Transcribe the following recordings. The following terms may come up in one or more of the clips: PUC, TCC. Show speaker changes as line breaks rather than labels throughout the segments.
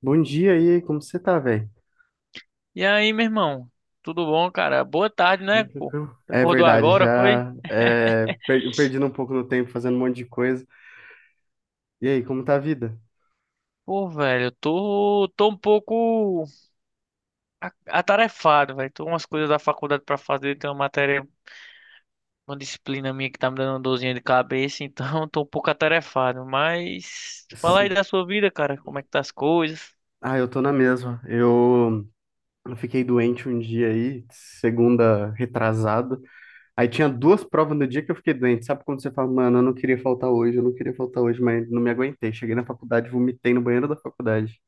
Bom dia aí, como você tá, velho?
E aí, meu irmão? Tudo bom, cara? Boa tarde, né,
Bem
pô?
tranquilo. É
Acordou
verdade,
agora, foi?
já é, perdendo um pouco no tempo, fazendo um monte de coisa. E aí, como tá a vida?
Pô, velho, eu tô um pouco atarefado, velho. Tô com umas coisas da faculdade pra fazer, tem uma matéria, uma disciplina minha que tá me dando uma dorzinha de cabeça, então tô um pouco atarefado. Mas fala
Cê-
aí da sua vida, cara, como é que tá as coisas?
Ah, eu tô na mesma. Eu fiquei doente um dia aí, segunda retrasado. Aí tinha duas provas no dia que eu fiquei doente. Sabe quando você fala, mano, eu não queria faltar hoje, eu não queria faltar hoje, mas não me aguentei. Cheguei na faculdade, vomitei no banheiro da faculdade.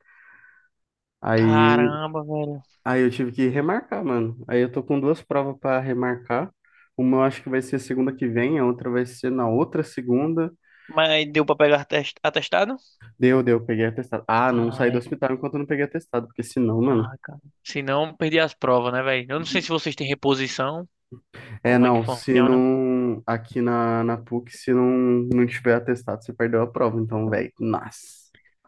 Aí
Caramba, velho.
Aí eu tive que remarcar, mano. Aí eu tô com duas provas para remarcar. Uma eu acho que vai ser segunda que vem, a outra vai ser na outra segunda.
Mas deu pra pegar atestado?
Deu, deu, peguei atestado. Ah, não saí do
Ai,
hospital enquanto eu não peguei atestado, porque senão, mano.
ai, cara. Se não, perdi as provas, né, velho? Eu não sei se vocês têm reposição,
É,
como é que
não, se
funciona.
não. Aqui na PUC, se não, não tiver atestado, você perdeu a prova. Então, velho, nossa.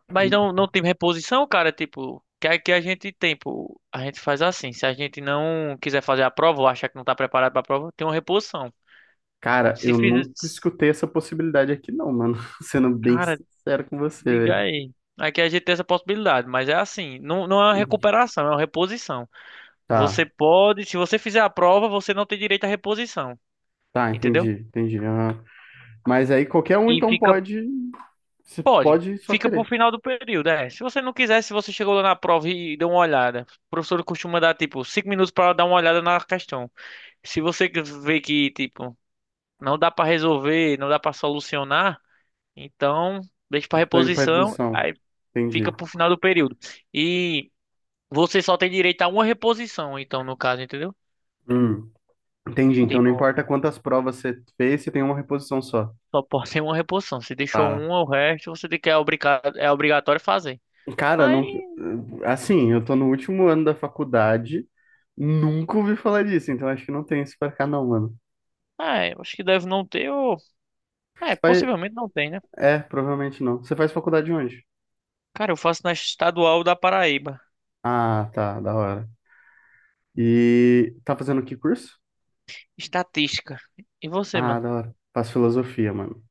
Mas não, não tem reposição, cara. Tipo, que aqui a gente tem, pô, a gente faz assim. Se a gente não quiser fazer a prova ou achar que não tá preparado pra prova, tem uma reposição.
Cara,
Se
eu
fizer.
nunca escutei essa possibilidade aqui, não, mano. Sendo bem
Cara,
sincero com você,
diga
velho.
aí. Aqui a gente tem essa possibilidade, mas é assim, não é uma recuperação, é uma reposição. Você
Tá,
pode, se você fizer a prova, você não tem direito à reposição,
tá, entendi,
entendeu?
entendi. Ah, mas aí qualquer um
E
então
fica,
pode. Você
pode,
pode só
fica pro
querer.
final do período, é. Se você não quiser, se você chegou lá na prova e deu uma olhada, o professor costuma dar tipo 5 minutos para dar uma olhada na questão. Se você vê que, tipo, não dá pra resolver, não dá pra solucionar, então deixa pra
Tô indo pra
reposição,
reposição.
aí
Entendi.
fica pro final do período. E você só tem direito a uma reposição, então, no caso, entendeu?
Hum, entendi. Então não
Tipo,
importa quantas provas você fez, você tem uma reposição só.
só pode ter uma reposição. Se deixou
Tá.
uma, o resto você tem que é obrigado, é obrigatório fazer.
Cara,
Aí,
não... assim, eu tô no último ano da faculdade, nunca ouvi falar disso, então acho que não tem isso pra cá, não, mano.
é, acho que deve não ter, ou... É,
Você faz...
possivelmente não tem, né?
É, provavelmente não. Você faz faculdade onde?
Cara, eu faço na estadual da Paraíba.
Ah, tá, da hora. E tá fazendo que curso?
Estatística. E você,
Ah,
mano?
da hora. Faço filosofia, mano.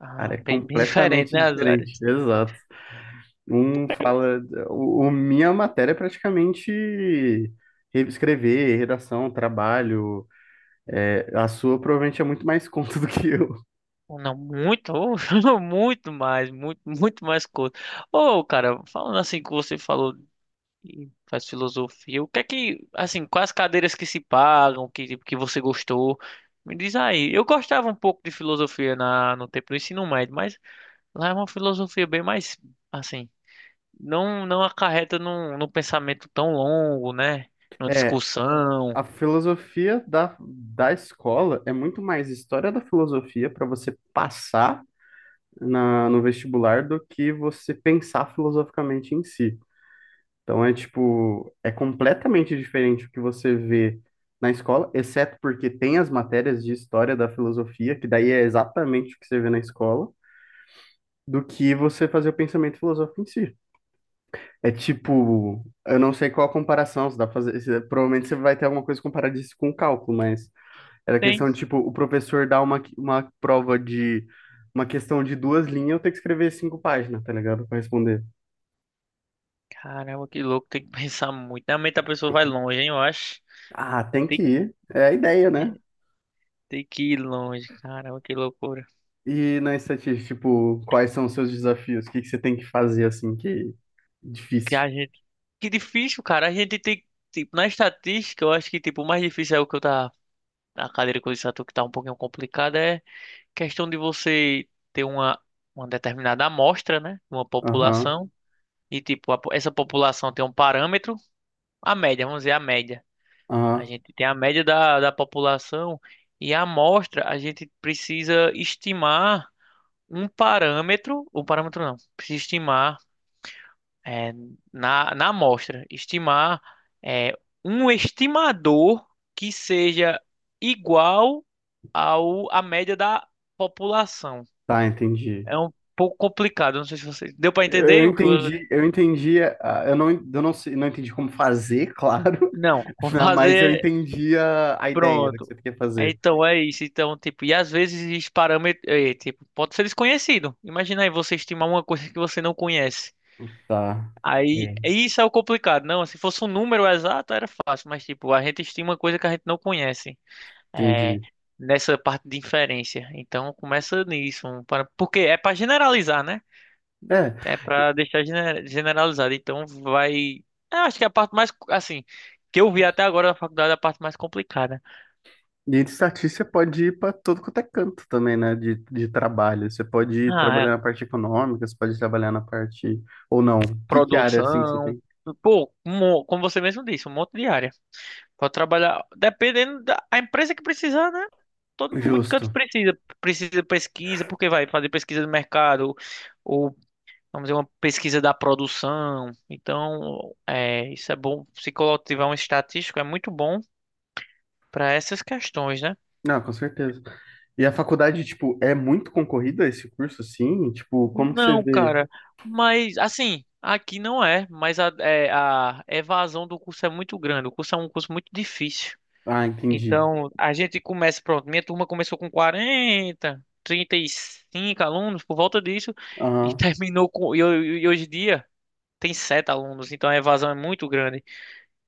Ah,
Área
bem, bem diferente,
completamente
né, as áreas?
diferente. Exato. Um fala. Minha matéria é praticamente escrever, redação, trabalho. É, a sua provavelmente é muito mais conta do que eu.
Não, muito, ô, muito mais, muito, muito mais coisa. Ô, cara, falando assim que você falou e faz filosofia, o que é que, assim, quais cadeiras que se pagam, que, tipo, que você gostou? Me diz aí. Eu gostava um pouco de filosofia no tempo do ensino médio, mas lá é uma filosofia bem mais, assim, não acarreta num pensamento tão longo, né? Numa
É,
discussão.
a filosofia da escola é muito mais história da filosofia para você passar no vestibular do que você pensar filosoficamente em si. Então é tipo, é completamente diferente o que você vê na escola, exceto porque tem as matérias de história da filosofia, que daí é exatamente o que você vê na escola, do que você fazer o pensamento filosófico em si. É tipo, eu não sei qual a comparação, se dá pra fazer, provavelmente você vai ter alguma coisa comparada isso com o cálculo, mas era
Tem,
questão de tipo, o professor dá uma prova de uma questão de duas linhas, eu tenho que escrever cinco páginas, tá ligado? Pra responder.
caramba, que louco, tem que pensar muito. Realmente a pessoa vai longe, hein, eu acho.
Ah, tem que
Tem.
ir. É a ideia, né?
Tem que ir longe, caramba, que loucura.
E na estatística, tipo, quais são os seus desafios? O que que você tem que fazer assim que é
Que
difícil?
a gente, que difícil, cara. A gente tem, tipo, na estatística, eu acho que tipo o mais difícil é o que eu tá a cadeira que eu disse a tu que tá um pouquinho complicada é questão de você ter uma determinada amostra, né? Uma
Aham,
população e tipo essa população tem um parâmetro, a média, vamos dizer a média. A
aham.
gente tem a média da população e a amostra, a gente precisa estimar um parâmetro, o parâmetro não, precisa estimar é, na amostra, estimar é, um estimador que seja igual ao à média da população.
Tá, entendi.
É um pouco complicado, não sei se vocês deu para
Eu
entender o que eu
entendi,
disse.
eu entendi, eu não sei, não entendi como fazer, claro,
Não, vamos
né, mas eu
fazer
entendi a ideia do que
pronto.
você quer
É,
fazer.
então é isso. Então, tipo, e às vezes esses parâmetros, é, tipo, pode ser desconhecido. Imagina aí você estimar uma coisa que você não conhece.
Tá.
Aí,
É.
é, isso é o complicado. Não, se fosse um número exato, era fácil, mas tipo, a gente estima uma coisa que a gente não conhece. É,
Entendi.
nessa parte de inferência. Então começa nisso, um, para, porque é para generalizar, né?
É,
É para deixar generalizado. Então vai. Eu acho que é a parte mais assim que eu vi até agora na faculdade é a parte mais complicada.
e de estatística pode ir para todo quanto é canto também, né? De trabalho. Você pode ir
Ah,
trabalhar na
é
parte econômica, você pode trabalhar na parte. Ou não. Que área assim você
produção.
tem?
Pô, como você mesmo disse, um monte de área. Pode trabalhar, dependendo da a empresa que precisar, né? Todo, muito canto
Justo.
precisa. Precisa de pesquisa, porque vai fazer pesquisa de mercado, vamos dizer, uma pesquisa da produção. Então, é, isso é bom. Se tiver um estatístico, é muito bom para essas questões, né?
Não, com certeza. E a faculdade, tipo, é muito concorrida esse curso, assim? Tipo, como que você
Não,
vê?
cara, mas assim, aqui não é, mas a, é, a evasão do curso é muito grande. O curso é um curso muito difícil.
Ah, entendi.
Então, a gente começa, pronto, minha turma começou com 40, 35 alunos, por volta disso, e
Aham.
terminou com. E hoje em dia tem 7 alunos, então a evasão é muito grande.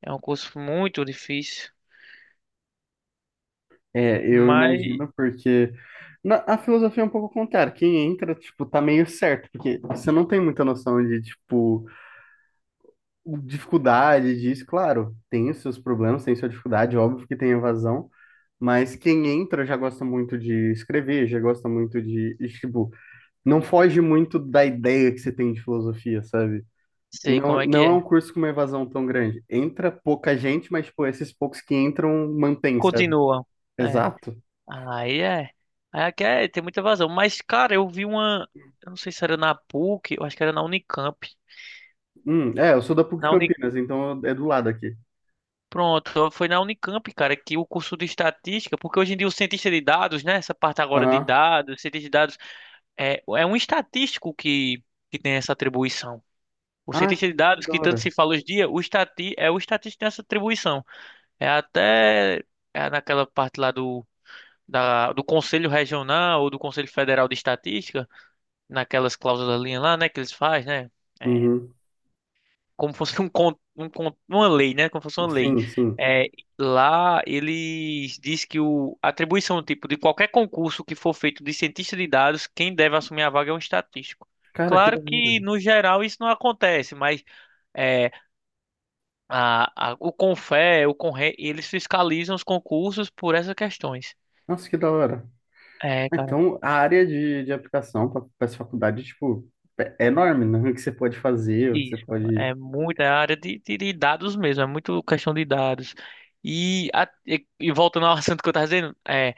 É um curso muito difícil.
É, eu
Mas
imagino, porque a filosofia é um pouco contrária. Quem entra, tipo, tá meio certo, porque você não tem muita noção de, tipo, dificuldade disso. Claro, tem os seus problemas, tem sua dificuldade, óbvio que tem evasão, mas quem entra já gosta muito de escrever, já gosta muito de, e, tipo, não foge muito da ideia que você tem de filosofia, sabe?
sei como
Não,
é que
não é
é.
um curso com uma evasão tão grande. Entra pouca gente, mas, tipo, esses poucos que entram, mantém, sabe?
Continua. É.
Exato.
Aí é. Aí aqui é, tem muita vazão. Mas, cara, eu vi uma. Eu não sei se era na PUC, eu acho que era na Unicamp.
É, eu sou da PUC
Na Uni...
Campinas, então é do lado aqui.
Pronto, foi na Unicamp, cara, que o curso de estatística, porque hoje em dia o cientista de dados, né? Essa parte agora de
Aham.
dados, cientista de dados, é um estatístico que tem essa atribuição. O
Ah,
cientista de
que
dados,
da
que tanto se
hora.
fala hoje em dia, é o estatístico que tem essa atribuição. É até naquela parte lá do Conselho Regional ou do Conselho Federal de Estatística, naquelas cláusulas linha lá, né, que eles fazem, né? É,
Uhum.
como fosse uma lei, né? Como fosse uma lei.
Sim, sim.
É, lá eles diz que o a atribuição tipo de qualquer concurso que for feito de cientista de dados, quem deve assumir a vaga é um estatístico.
Cara, que da
Claro
hora.
que no geral isso não acontece, mas é, o Conre, eles fiscalizam os concursos por essas questões.
Nossa, que da hora.
É,
Então, a área de aplicação para essa faculdade, tipo, é é enorme, né? O que você pode fazer, o que você
isso,
pode...
é muito, é a área de dados mesmo, é muito questão de dados. E, e voltando ao assunto que eu estava dizendo, é,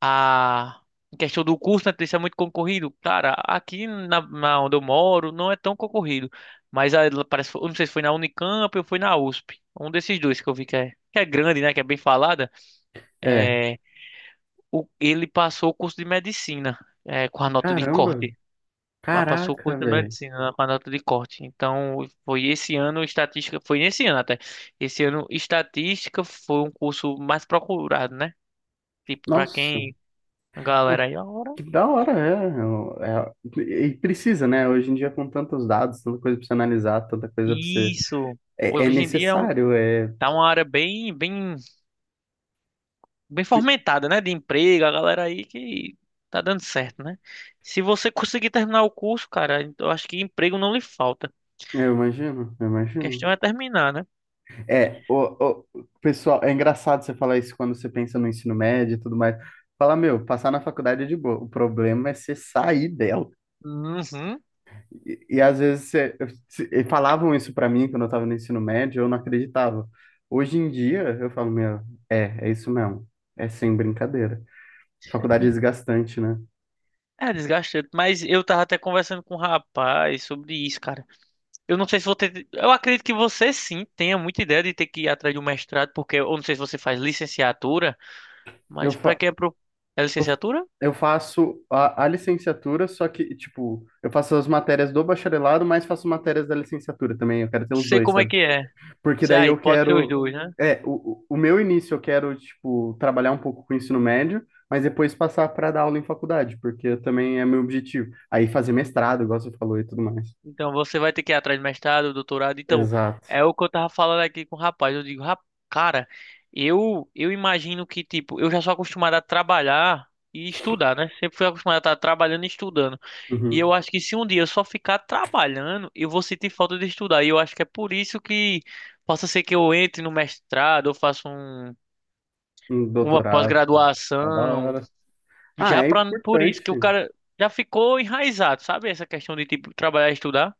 a questão do curso, né, isso é muito concorrido. Cara, aqui na onde eu moro não é tão concorrido, mas a, parece, eu não sei se foi na Unicamp ou foi na USP, um desses dois que eu vi que é grande, né, que é bem falada,
É.
é, o, ele passou o curso de medicina, é, com a nota de
Caramba.
corte mas passou o
Caraca,
curso de
velho.
medicina lá com a nota de corte. Então, foi esse ano estatística, foi nesse ano até. Esse ano estatística foi um curso mais procurado, né? Tipo, pra
Nossa.
quem a galera aí, ora,
Que da hora, é, é. E precisa, né? Hoje em dia, com tantos dados, tanta coisa pra você analisar, tanta coisa pra você.
isso.
É, é
Hoje em dia é
necessário, é.
tá uma área bem, bem, bem fomentada, né? De emprego, a galera aí que tá dando certo, né? Se você conseguir terminar o curso, cara, eu acho que emprego não lhe falta.
Eu imagino, eu
A
imagino.
questão é terminar, né?
É, pessoal, é engraçado você falar isso quando você pensa no ensino médio e tudo mais. Fala, meu, passar na faculdade é de boa. O problema é você sair dela.
Uhum.
E às vezes você, e falavam isso pra mim quando eu tava no ensino médio, eu não acreditava. Hoje em dia, eu falo, meu, é, é isso mesmo. É sem brincadeira. Faculdade é desgastante, né?
É desgastante, mas eu tava até conversando com um rapaz sobre isso, cara. Eu não sei se vou ter. Eu acredito que você sim tenha muita ideia de ter que ir atrás de um mestrado, porque eu não sei se você faz licenciatura,
Eu,
mas pra
fa
quem é pro. É
eu,
licenciatura?
eu faço a licenciatura, só que, tipo, eu faço as matérias do bacharelado, mas faço matérias da licenciatura também. Eu quero ter os
Sei
dois,
como é
sabe?
que é.
Porque
Sei
daí
aí,
eu
pode ser os
quero.
dois, né?
É, o meu início eu quero, tipo, trabalhar um pouco com o ensino médio, mas depois passar para dar aula em faculdade, porque também é meu objetivo. Aí fazer mestrado, igual você falou e tudo mais.
Então você vai ter que ir atrás de mestrado, doutorado. Então,
Exato.
é o que eu tava falando aqui com o rapaz. Eu digo, "Cara, eu imagino que, tipo, eu já sou acostumado a trabalhar e estudar, né? Sempre fui acostumado a estar trabalhando e estudando. E
Uhum.
eu acho que se um dia eu só ficar trabalhando, eu vou sentir falta de estudar. E eu acho que é por isso que possa ser que eu entre no mestrado, eu faça um,
Um
uma
doutorado. É da
pós-graduação,
hora. Ah,
já
é
pra, por isso
importante
que o cara já ficou enraizado, sabe? Essa questão de tipo trabalhar e estudar.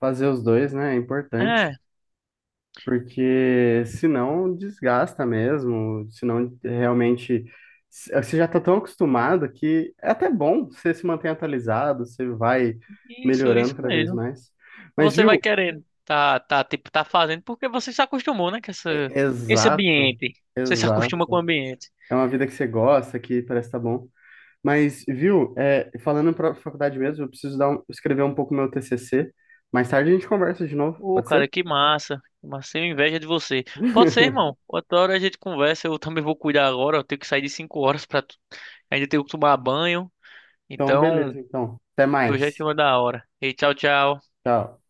fazer os dois, né? É importante.
É,
Porque senão desgasta mesmo, senão realmente você já está tão acostumado que é até bom você se manter atualizado, você vai
isso,
melhorando
isso
cada vez
mesmo.
mais. Mas
Você vai
viu?
querendo, tá, tá, tipo, tá fazendo porque você se acostumou, né, com esse
Exato,
ambiente. Você se acostuma com o
exato.
ambiente.
É uma vida que você gosta, que parece que tá bom. Mas viu? É, falando para faculdade mesmo, eu preciso dar escrever um pouco meu TCC. Mais tarde a gente conversa de novo,
Ô,
pode ser?
cara, que massa. Mas massa, tenho inveja de você. Pode ser, irmão. Outra hora a gente conversa. Eu também vou cuidar agora. Eu tenho que sair de 5 horas pra. Ainda tenho que tomar banho.
Então,
Então,
beleza, então. Até
tô já em
mais.
cima da hora. E tchau, tchau.
Tchau.